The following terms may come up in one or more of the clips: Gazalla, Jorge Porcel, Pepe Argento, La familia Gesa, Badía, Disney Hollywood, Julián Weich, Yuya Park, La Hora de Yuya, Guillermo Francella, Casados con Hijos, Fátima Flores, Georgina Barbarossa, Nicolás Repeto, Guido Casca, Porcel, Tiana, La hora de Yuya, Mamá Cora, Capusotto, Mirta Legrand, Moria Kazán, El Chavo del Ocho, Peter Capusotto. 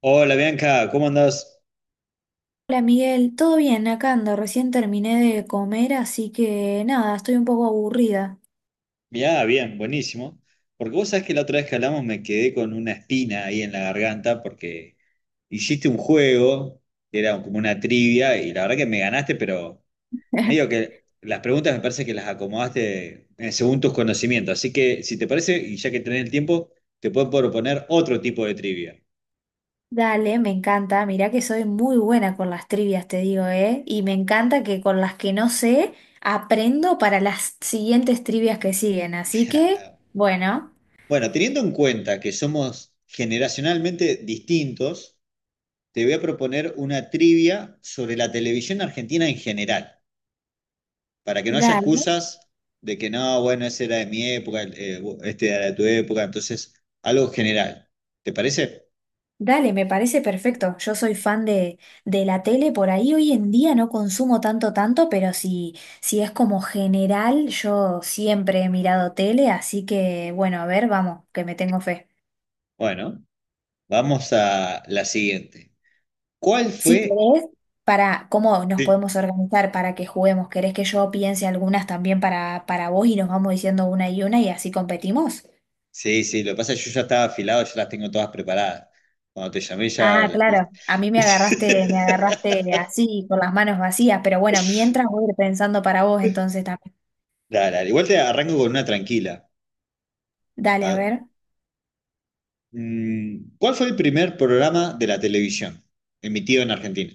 Hola Bianca, ¿cómo andás? Hola Miguel, ¿todo bien? Acá ando, recién terminé de comer, así que nada, estoy un poco aburrida. Ya, bien, buenísimo. Porque vos sabés que la otra vez que hablamos me quedé con una espina ahí en la garganta porque hiciste un juego que era como una trivia y la verdad que me ganaste, pero medio que las preguntas me parece que las acomodaste según tus conocimientos. Así que si te parece, y ya que tenés el tiempo, te puedo proponer otro tipo de trivia. Dale, me encanta, mirá que soy muy buena con las trivias, te digo, ¿eh? Y me encanta que con las que no sé, aprendo para las siguientes trivias que siguen, así que, bueno, Bueno, teniendo en cuenta que somos generacionalmente distintos, te voy a proponer una trivia sobre la televisión argentina en general, para que no haya dale. excusas de que no, bueno, ese era de mi época, este era de tu época, entonces algo general. ¿Te parece? Dale, me parece perfecto. Yo soy fan de la tele, por ahí hoy en día no consumo tanto, tanto, pero si, si es como general, yo siempre he mirado tele, así que bueno, a ver, vamos, que me tengo fe. Bueno, vamos a la siguiente. ¿Cuál Si fue? querés, para cómo nos Sí, podemos organizar para que juguemos, ¿querés que yo piense algunas también para vos y nos vamos diciendo una y así competimos? sí, sí, lo que pasa es que yo ya estaba afilado, ya las tengo todas preparadas. Cuando te llamé ya... Ah, claro, a mí me agarraste así, con las manos vacías, pero bueno, mientras voy a ir pensando para vos entonces también. Dale, dale, igual te arranco con una tranquila. Dale, a A- ver. ¿Cuál fue el primer programa de la televisión emitido en Argentina?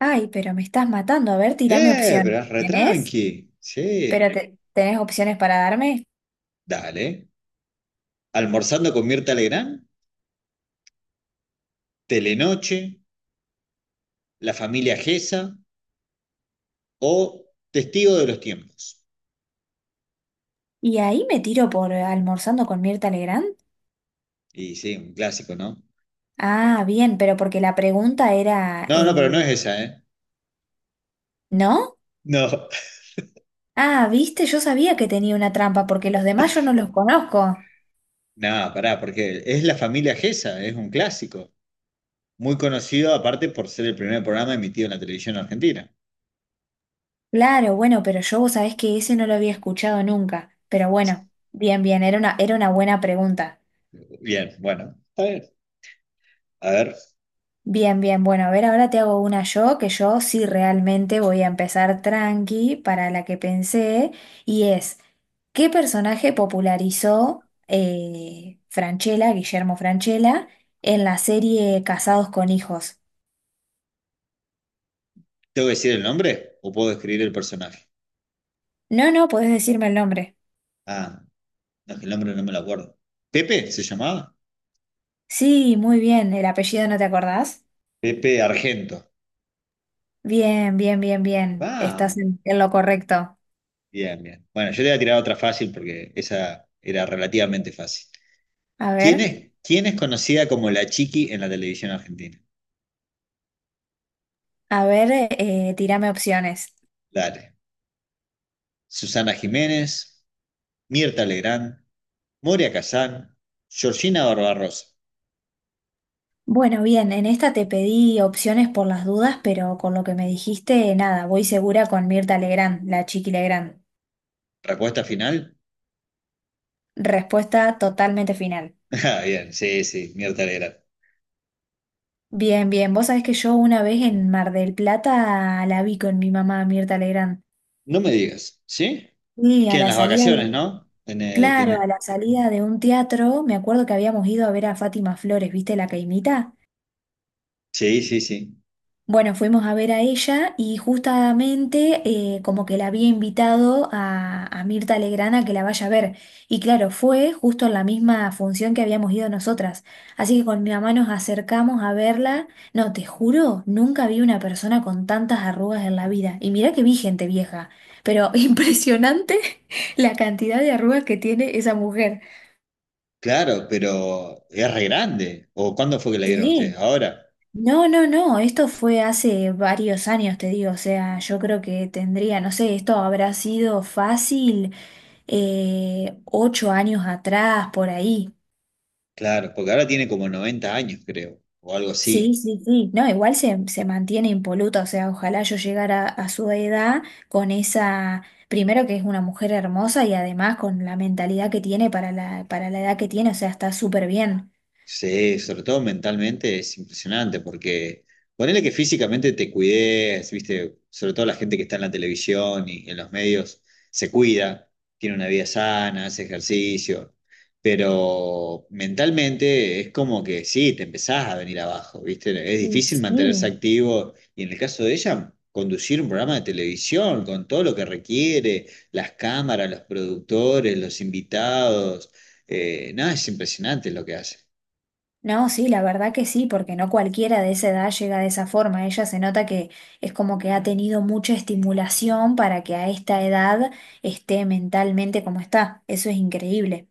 Ay, pero me estás matando. A ver, tirame Pero opciones. es re ¿Tenés? tranqui. Sí, ¿Pero Tenés opciones para darme? dale. ¿Almorzando con Mirta Legrand? ¿Telenoche? ¿La familia Gesa? ¿O Testigo de los tiempos? ¿Y ahí me tiro por almorzando con Mirta Legrand? Y sí, un clásico, ¿no? Ah, bien, pero porque la pregunta era No, no, pero no es el... esa, ¿eh? ¿No? No, Ah, viste, yo sabía que tenía una trampa porque los demás yo no los conozco. no, pará, porque es la familia Gesa, es un clásico. Muy conocido, aparte, por ser el primer programa emitido en la televisión argentina. Claro, bueno, pero yo vos sabés que ese no lo había escuchado nunca. Pero bueno, bien, bien, era una buena pregunta. Bien, bueno, está bien. A ver. Bien, bien, bueno, a ver, ahora te hago una yo, que yo sí realmente voy a empezar tranqui para la que pensé, y es, ¿qué personaje popularizó Francella, Guillermo Francella, en la serie Casados con Hijos? ¿Tengo que decir el nombre o puedo describir el personaje? No, no, podés decirme el nombre. Ah, no, es que el nombre no me lo acuerdo. ¿Pepe se llamaba? Sí, muy bien, ¿el apellido no te acordás? Pepe Argento. Bien, bien, bien, bien, estás Vamos. En lo correcto. Bien, bien. Bueno, yo te voy a tirar otra fácil porque esa era relativamente fácil. A ¿Quién ver, es, quién es conocida como la Chiqui en la televisión argentina? a ver, tirame opciones. Dale. Susana Jiménez, Mirta Legrand, Moria Kazán, Georgina Barbarossa. Bueno, bien, en esta te pedí opciones por las dudas, pero con lo que me dijiste, nada, voy segura con Mirta Legrand, la Chiqui Legrand. ¿Respuesta final? Respuesta totalmente final. Ah, bien, sí, sí, Mirta Legrand. Bien, bien, vos sabés que yo una vez en Mar del Plata la vi con mi mamá Mirta Legrand. No me digas, ¿sí? Sí, a Que en la las salida de, vacaciones, ¿no? Claro, a la salida de un teatro, me acuerdo que habíamos ido a ver a Fátima Flores, ¿viste la caimita? Sí, sí, sí. Bueno, fuimos a ver a ella y justamente como que la había invitado a Mirta Legrand a que la vaya a ver. Y claro, fue justo en la misma función que habíamos ido nosotras. Así que con mi mamá nos acercamos a verla. No, te juro, nunca vi una persona con tantas arrugas en la vida. Y mirá que vi gente vieja, pero impresionante la cantidad de arrugas que tiene esa mujer. Claro, pero es re grande. ¿O cuándo fue que la dieron ustedes? Sí. Ahora. No, no, no, esto fue hace varios años, te digo, o sea, yo creo que tendría, no sé, esto habrá sido fácil 8 años atrás, por ahí. Claro, porque ahora tiene como 90 años, creo, o algo Sí, así. sí, sí, no, igual se mantiene impoluta, o sea, ojalá yo llegara a su edad con esa, primero que es una mujer hermosa y además con la mentalidad que tiene para para la edad que tiene, o sea, está súper bien. Sí, sobre todo mentalmente es impresionante porque ponele que físicamente te cuides, viste, sobre todo la gente que está en la televisión y en los medios se cuida, tiene una vida sana, hace ejercicio, pero mentalmente es como que sí, te empezás a venir abajo, viste, es Sí, difícil mantenerse sí. activo y en el caso de ella, conducir un programa de televisión con todo lo que requiere, las cámaras, los productores, los invitados, nada, es impresionante lo que hace. No, sí, la verdad que sí, porque no cualquiera de esa edad llega de esa forma. Ella se nota que es como que ha tenido mucha estimulación para que a esta edad esté mentalmente como está. Eso es increíble.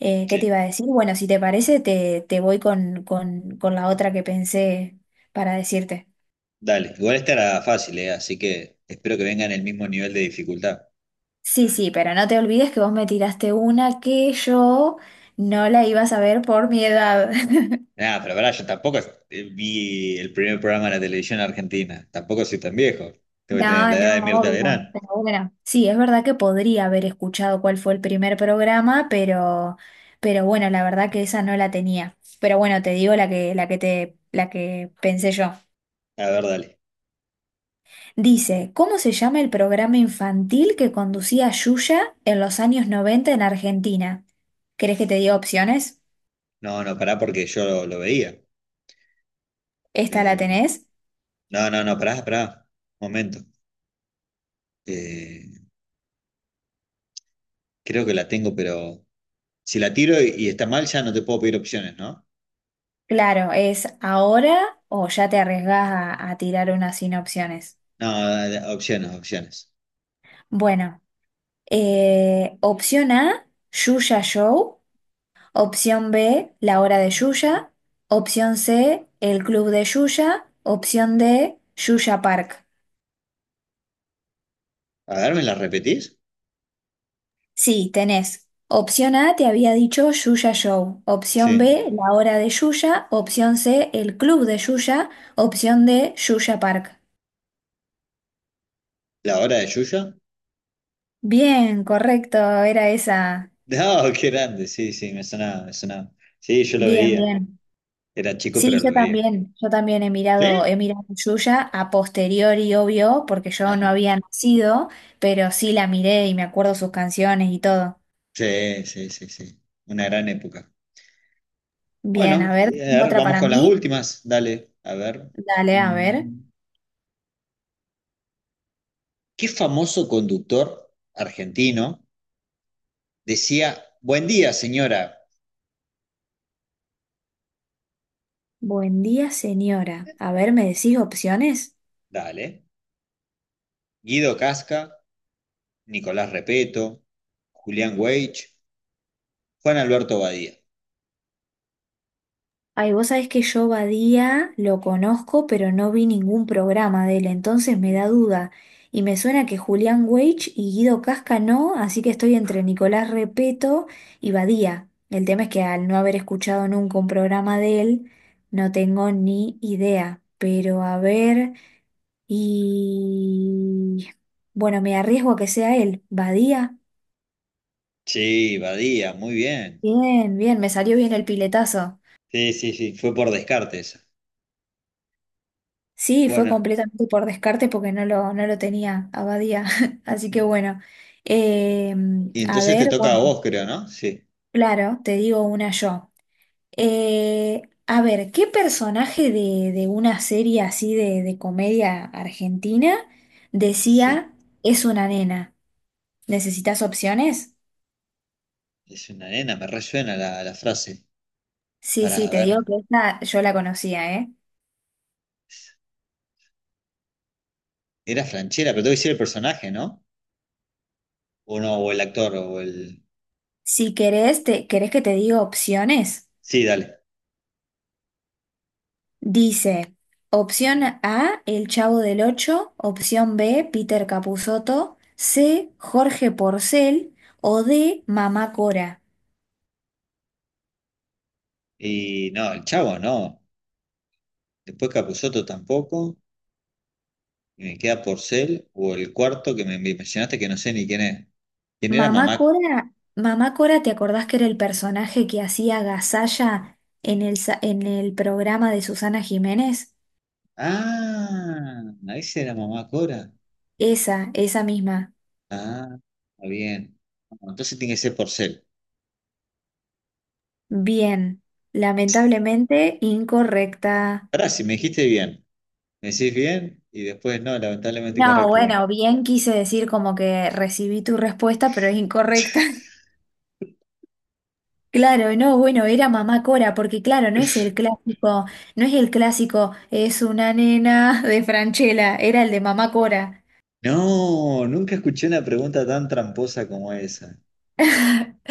¿Qué te Sí, iba a decir? Bueno, si te parece, te voy con la otra que pensé para decirte. dale. Igual esta era fácil, ¿eh? Así que espero que venga en el mismo nivel de dificultad. Sí, sí, pero no te olvides que vos me tiraste una que yo no la iba a saber por mi edad. Nada, pero pará, yo tampoco vi el primer programa de la televisión argentina. Tampoco soy tan viejo. Tengo que tener No, la edad de no, Mirta Legrand. obvio, pero bueno, sí, es verdad que podría haber escuchado cuál fue el primer programa, pero bueno, la verdad que esa no la tenía. Pero bueno, te digo la que pensé yo. A ver, dale. Dice, ¿cómo se llama el programa infantil que conducía Yuya en los años 90 en Argentina? ¿Querés que te diga opciones? No, no, pará porque yo lo veía. ¿Esta la Eh, tenés? no, no, no, pará, pará. Momento. Eh, creo que la tengo, pero si la tiro y está mal, ya no te puedo pedir opciones, ¿no? Claro, es ahora o ya te arriesgás a tirar una sin opciones. No, dale, opciones, opciones. Bueno. Opción A, Yuya Show. Opción B, La Hora de Yuya. Opción C, El Club de Yuya. Opción D, Yuya Park. A ver, ¿me las repetís? Sí, tenés. Opción A, te había dicho Yuya Show. Opción Sí. B, La Hora de Yuya. Opción C, El Club de Yuya. Opción D, Yuya Park. ¿La hora de Yuya? Bien, correcto, era esa. No, qué grande, sí, sí, me sonaba, me sonaba. Sí, yo lo Bien, veía. bien. Era chico, Sí, pero lo veía. Yo también ¿Sí? He mirado Yuya a posteriori, obvio, porque yo no Ah, había nacido, pero sí la miré y me acuerdo sus canciones y todo. sí, sí, sí, sí. Una gran época. Bien, Bueno, a ver, a ver, otra vamos para con las mí. últimas. Dale, a ver. Dale, a ver. Mm, ¿Qué famoso conductor argentino decía, buen día, señora? Buen día, señora. A ver, ¿me decís opciones? Dale. Guido Casca, Nicolás Repeto, Julián Weich, Juan Alberto Badía. Ay, vos sabés que yo Badía lo conozco, pero no vi ningún programa de él, entonces me da duda. Y me suena que Julián Weich y Guido Casca no, así que estoy entre Nicolás Repeto y Badía. El tema es que al no haber escuchado nunca un programa de él, no tengo ni idea. Pero a ver, y... Bueno, me arriesgo a que sea él. Badía. Sí, Badía, muy bien. Bien, bien, me salió bien el piletazo. Sí, sí, sí, fue por descarte esa. Sí, fue Bueno. completamente por descarte porque no lo tenía Abadía. Así que bueno, Eh, Y a entonces te ver, toca a bueno, vos, creo, ¿no? Sí, claro, te digo una yo. Eh, a ver, ¿qué personaje de una serie así de comedia argentina sí. decía es una nena? ¿Necesitas opciones? Es una nena, me resuena la frase. Sí, sí, Para te digo ver. que esta yo la conocía, ¿eh? Era Franchera, pero tengo que decir el personaje, ¿no? O no, o el actor, o el. Si querés, te, ¿querés que te diga opciones? Sí, dale. Dice, opción A, El Chavo del Ocho, opción B, Peter Capusotto, C, Jorge Porcel o D, Mamá Cora. Y no, el chavo, no. Después Capusotto tampoco. Y me queda Porcel, o el cuarto que me mencionaste que no sé ni quién es. ¿Quién era Mamá mamá? Cora, Mamá Cora, ¿te acordás que era el personaje que hacía Gazalla en el, en el programa de Susana Jiménez? Ah, ahí era mamá Cora. Esa misma. Ah, está bien. Bueno, entonces tiene que ser Porcel. Bien, lamentablemente incorrecta. Ahora, si me dijiste bien. ¿Me decís bien? Y después, no, lamentablemente No, incorrecto. Bueno. bueno, bien quise decir como que recibí tu respuesta, pero es incorrecta. Claro, no, bueno, era mamá Cora, porque claro, no es el clásico, no es el clásico, es una nena de Franchella, era el de mamá Cora. No, nunca escuché una pregunta tan tramposa como esa.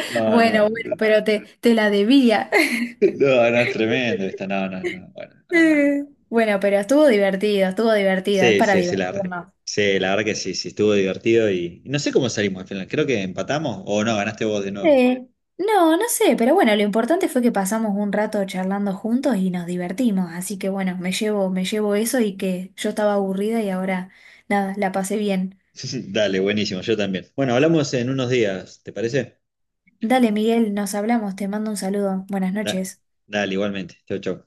No, Bueno, bueno, no, pero te la debía. no, no, es tremendo esta, no, no, no, bueno, no, no. No. Bueno, pero estuvo divertido, es Sí, para sí, sí, la verdad. divertirnos. Sí, la verdad que sí, sí, estuvo divertido y no sé cómo salimos al final. Creo que empatamos o no, ganaste vos de nuevo. Eh, no, no sé, pero bueno, lo importante fue que pasamos un rato charlando juntos y nos divertimos, así que bueno, me llevo eso y que yo estaba aburrida y ahora, nada, la pasé bien. Dale, buenísimo, yo también. Bueno, hablamos en unos días, ¿te parece? Dale, Miguel, nos hablamos, te mando un saludo, buenas Da- noches. dale, igualmente. Chau, chau.